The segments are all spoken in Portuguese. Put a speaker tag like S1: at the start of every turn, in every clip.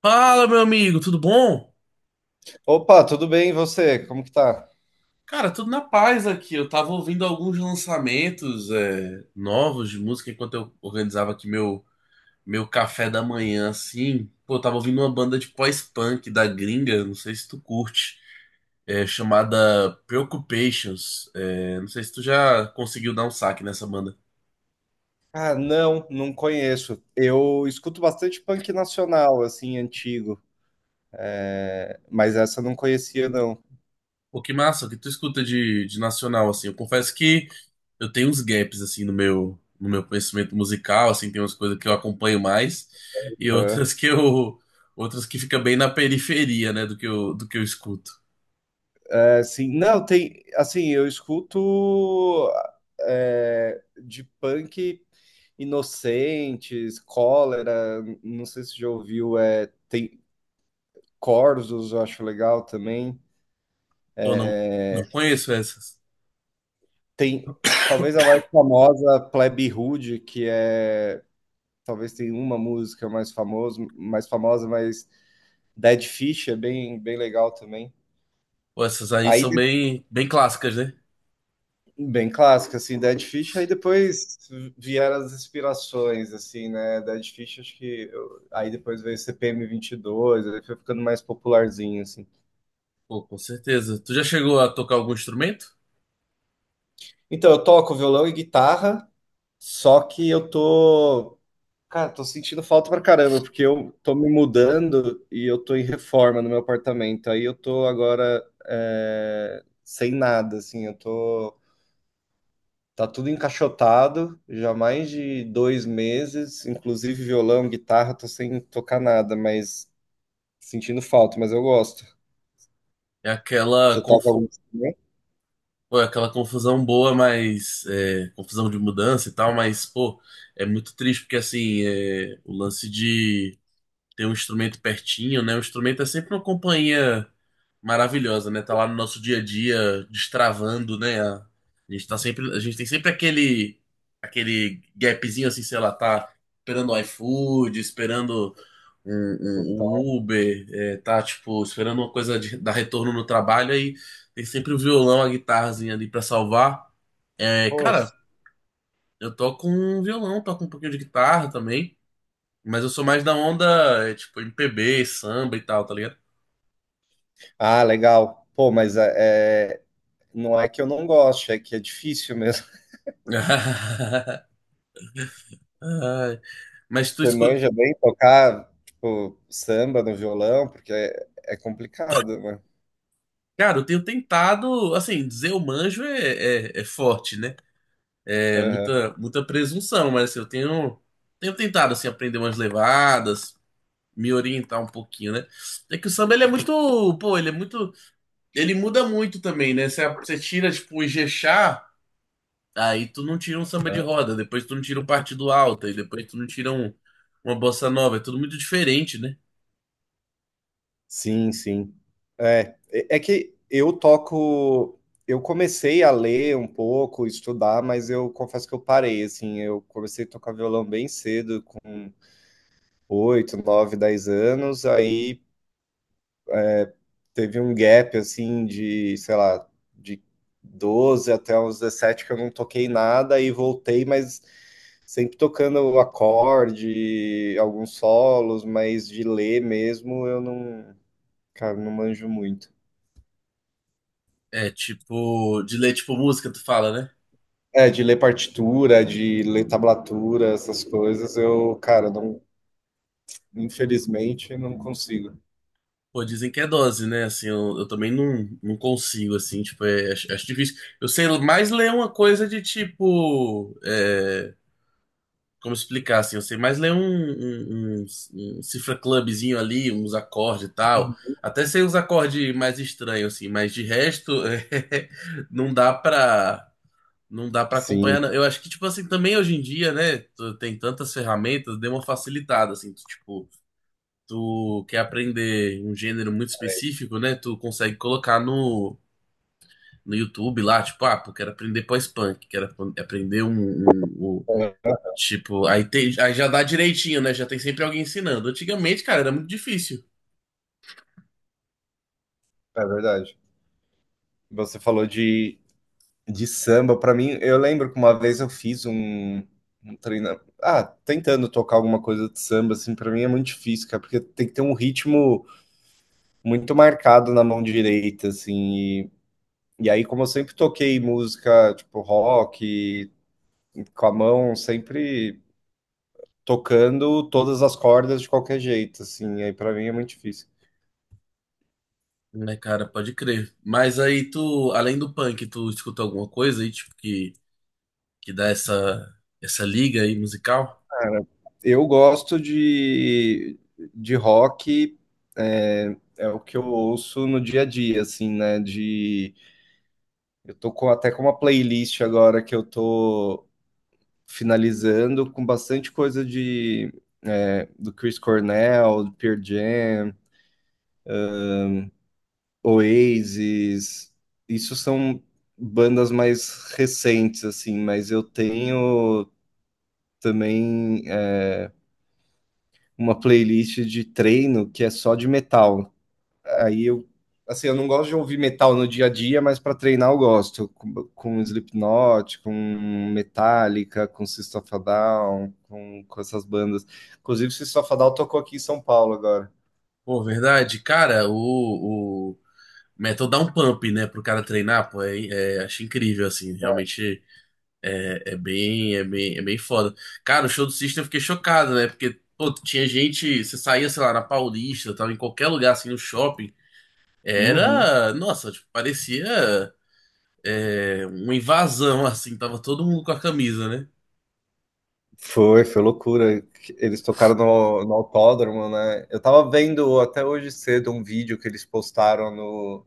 S1: Fala, meu amigo, tudo bom?
S2: Opa, tudo bem? E você? Como que tá?
S1: Cara, tudo na paz aqui. Eu tava ouvindo alguns lançamentos novos de música enquanto eu organizava aqui meu café da manhã, assim. Pô, eu tava ouvindo uma banda de pós-punk da gringa, não sei se tu curte, chamada Preoccupations. É, não sei se tu já conseguiu dar um saque nessa banda.
S2: Ah, não, não conheço. Eu escuto bastante punk nacional, assim, antigo, mas essa eu não conhecia, não.
S1: Pô, que massa, o que tu escuta de nacional, assim. Eu confesso que eu tenho uns gaps assim no meu conhecimento musical, assim, tem umas coisas que eu acompanho mais e
S2: Aham.
S1: outras que fica bem na periferia, né, do que eu escuto.
S2: Assim, não, tem, assim, eu escuto de punk Inocentes, Cólera, não sei se já ouviu, tem Corsos, eu acho legal também.
S1: Ou não, não conheço essas.
S2: Tem, talvez a mais famosa, Plebe Rude, que talvez tenha uma música mais famosa, mas Dead Fish é bem, bem legal também.
S1: Pô, essas aí
S2: Aí,
S1: são
S2: de-
S1: bem bem clássicas, né?
S2: Bem clássico, assim, Dead Fish, aí depois vieram as inspirações, assim, né? Dead Fish, acho que, aí depois veio CPM 22, aí foi ficando mais popularzinho, assim.
S1: Pô, com certeza. Tu já chegou a tocar algum instrumento?
S2: Então, eu toco violão e guitarra. Só que eu tô Cara, tô sentindo falta pra caramba, porque eu tô me mudando e eu tô em reforma no meu apartamento. Aí eu tô agora sem nada, assim, eu tô. Tá tudo encaixotado, já há mais de 2 meses, inclusive violão, guitarra, tô sem tocar nada, mas sentindo falta, mas eu gosto.
S1: É aquela
S2: Você toca algum
S1: confu...
S2: instrumento?
S1: Pô, é aquela confusão boa, mas é, confusão de mudança e tal, mas pô, é muito triste porque assim, é, o lance de ter um instrumento pertinho, né? O instrumento é sempre uma companhia maravilhosa, né? Tá lá no nosso dia a dia, destravando, né? A gente tá sempre, a gente tem sempre aquele gapzinho assim, sei lá, tá esperando o iFood, esperando um,
S2: Eu
S1: um-
S2: toco.
S1: um Uber, é, tá tipo esperando uma coisa de, dar retorno no trabalho aí tem sempre o violão, a guitarrazinha ali pra salvar. É,
S2: Pô,
S1: cara,
S2: s-
S1: eu toco um violão, toco um pouquinho de guitarra também. Mas eu sou mais da onda, é, tipo, MPB, samba e tal, tá ligado?
S2: Ah, legal. Pô, mas é, não é que eu não gosto, é que é difícil mesmo.
S1: Ai, mas tu
S2: Você
S1: escuta.
S2: manja bem tocar, tipo, samba no violão? Porque é complicado, né?
S1: Cara, eu tenho tentado, assim, dizer eu manjo é forte, né? É
S2: Aham,
S1: muita, muita presunção, mas assim, tenho tentado, assim, aprender umas levadas, me orientar um pouquinho, né? É que o samba, ele é muito, ele muda muito também, né? Você tira, tipo, o Ijexá, aí tu não tira um samba de
S2: aham.
S1: roda, depois tu não tira um partido alto, e depois tu não uma bossa nova. É tudo muito diferente, né?
S2: Sim, sim. É que eu toco. Eu comecei a ler um pouco, estudar, mas eu confesso que eu parei, assim. Eu comecei a tocar violão bem cedo, com 8 9 10 anos. Aí teve um gap assim sei lá, de 12 até uns 17 que eu não toquei nada e voltei, mas sempre tocando o acorde, alguns solos, mas de ler mesmo eu não, cara, não manjo muito.
S1: É tipo, de ler tipo música, tu fala, né?
S2: É, de ler partitura, de ler tablatura, essas coisas, eu, cara, não, infelizmente não consigo.
S1: Pô, dizem que é dose, né? Assim, eu também não, não consigo, assim, tipo, acho, acho difícil. Eu sei mais ler uma coisa de tipo, como explicar, assim, eu sei mais ler um cifra clubzinho ali, uns acordes e tal. Até sei uns acordes mais estranhos, assim, mas de resto, não dá pra, não dá pra acompanhar,
S2: Sim,
S1: não. Eu acho que, tipo assim, também hoje em dia, né? tu Tem tantas ferramentas, deu uma facilitada, assim. Tu, tipo, tu quer aprender um gênero muito específico, né? Tu consegue colocar no YouTube lá, tipo, ah, pô, quero aprender pós-punk, aprender um. Tipo, aí já dá direitinho, né? Já tem sempre alguém ensinando. Antigamente, cara, era muito difícil.
S2: é verdade. Você falou de samba, pra mim, eu lembro que uma vez eu fiz um treino. Ah, tentando tocar alguma coisa de samba, assim, pra mim é muito difícil, cara, porque tem que ter um ritmo muito marcado na mão direita, assim. E aí, como eu sempre toquei música, tipo, rock, com a mão, sempre tocando todas as cordas de qualquer jeito, assim. Aí, pra mim, é muito difícil.
S1: Né, cara, pode crer. Mas aí tu, além do punk, tu escuta alguma coisa aí, tipo, que dá essa liga aí musical?
S2: Cara, eu gosto de rock, é o que eu ouço no dia a dia, assim, né? Eu tô até com uma playlist agora que eu tô finalizando com bastante coisa do Chris Cornell, do Pearl Jam, Oasis. Isso são bandas mais recentes, assim, mas eu tenho também uma playlist de treino que é só de metal. Aí, assim, eu não gosto de ouvir metal no dia a dia, mas para treinar eu gosto. Com Slipknot, com Metallica, com System of a Down, com essas bandas. Inclusive, System of a Down tocou aqui em São Paulo agora.
S1: Pô, verdade, cara, o metal dá um pump, né, pro cara treinar, pô, acho incrível, assim, realmente é bem foda. Cara, o show do System eu fiquei chocado, né, porque, pô, tinha gente, você saía, sei lá, na Paulista, tava em qualquer lugar, assim, no shopping,
S2: Uhum.
S1: era, nossa, tipo, parecia uma invasão, assim, tava todo mundo com a camisa, né?
S2: Foi loucura. Eles tocaram no autódromo, né? Eu tava vendo até hoje cedo um vídeo que eles postaram no,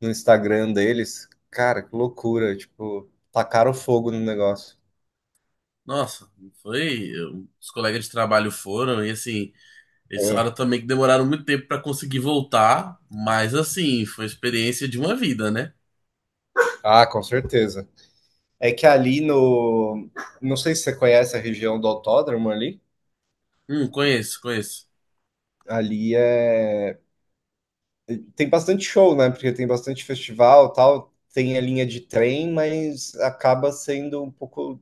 S2: no Instagram deles. Cara, que loucura. Tipo, tacaram fogo no negócio.
S1: Nossa, foi. Os colegas de trabalho foram e assim, eles
S2: É.
S1: falaram também que demoraram muito tempo pra conseguir voltar, mas assim, foi a experiência de uma vida, né?
S2: Ah, com certeza. É que ali no. Não sei se você conhece a região do autódromo ali.
S1: Conheço, conheço.
S2: Ali é. Tem bastante show, né? Porque tem bastante festival e tal. Tem a linha de trem, mas acaba sendo um pouco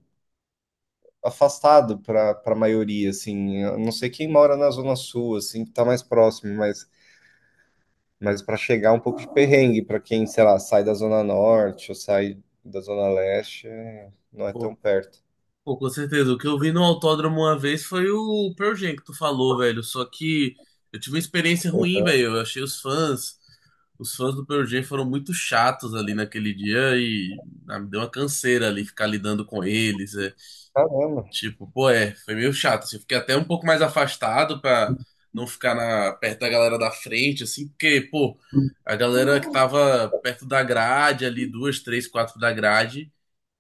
S2: afastado para a maioria, assim. Eu não sei quem mora na Zona Sul, assim, que tá mais próximo, mas para chegar é um pouco de perrengue, para quem, sei lá, sai da Zona Norte ou sai da Zona Leste, não é tão
S1: Pô,
S2: perto.
S1: Pô, com certeza. O que eu vi no autódromo uma vez foi o Pearl Jam que tu falou, velho. Só que eu tive uma experiência ruim, velho. Eu achei os fãs do Pearl Jam foram muito chatos ali naquele dia e ah, me deu uma canseira ali ficar lidando com eles. É.
S2: Caramba!
S1: Tipo, pô, foi meio chato, assim. Eu fiquei até um pouco mais afastado pra não ficar perto da galera da frente, assim, porque, pô, a galera que tava perto da grade ali, duas, três, quatro da grade.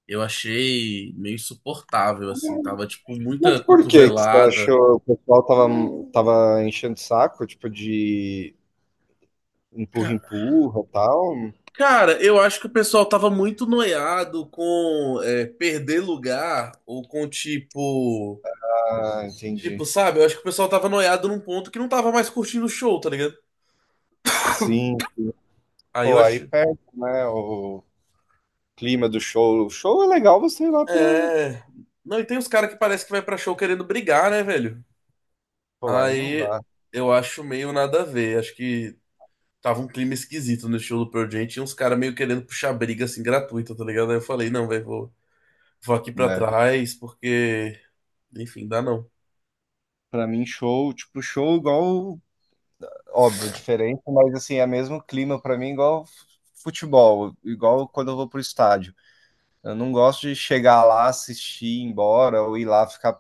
S1: Eu achei meio insuportável, assim. Tava, tipo, muita
S2: Mas por que que você
S1: cotovelada.
S2: achou que o pessoal tava, enchendo o saco, tipo, de empurra, empurra tal?
S1: Cara, eu acho que o pessoal tava muito noiado com perder lugar ou com, tipo.
S2: Ah, entendi.
S1: Tipo, sabe? Eu acho que o pessoal tava noiado num ponto que não tava mais curtindo o show, tá ligado?
S2: Sim.
S1: Aí eu
S2: Pô, aí
S1: acho.
S2: perde, né, o clima do show. O show é legal você ir lá pra...
S1: É. Não, e tem uns caras que parece que vai pra show querendo brigar, né, velho?
S2: Pô, aí não
S1: Aí
S2: dá,
S1: eu acho meio nada a ver. Acho que tava um clima esquisito no show do Pearl Jam. Tinha uns caras meio querendo puxar briga, assim, gratuita, tá ligado? Aí eu falei, não, velho, vou aqui pra
S2: né?
S1: trás, porque, enfim, dá não.
S2: Pra mim, show, tipo, show igual... Óbvio, é diferente, mas assim, é mesmo clima pra mim igual futebol, igual quando eu vou pro estádio. Eu não gosto de chegar lá, assistir, ir embora, ou ir lá ficar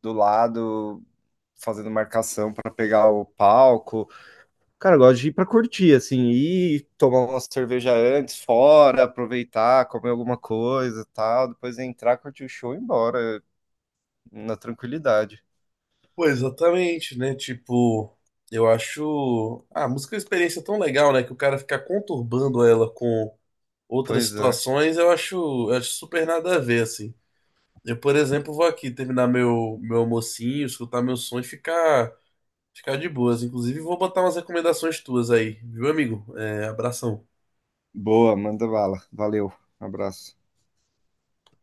S2: do lado fazendo marcação para pegar o palco. Cara, eu gosto de ir para curtir, assim, ir tomar uma cerveja antes, fora, aproveitar, comer alguma coisa, e tal, depois entrar, curtir o show e ir embora na tranquilidade.
S1: Pô, exatamente, né? Tipo, eu acho a música é uma experiência tão legal, né? Que o cara ficar conturbando ela com outras
S2: Pois é.
S1: situações, eu acho super nada a ver, assim. Eu, por exemplo, vou aqui terminar meu almocinho, escutar meu som e ficar de boas. Inclusive, vou botar umas recomendações tuas aí, viu, amigo? É, abração.
S2: Boa, manda bala. Valeu. Abraço.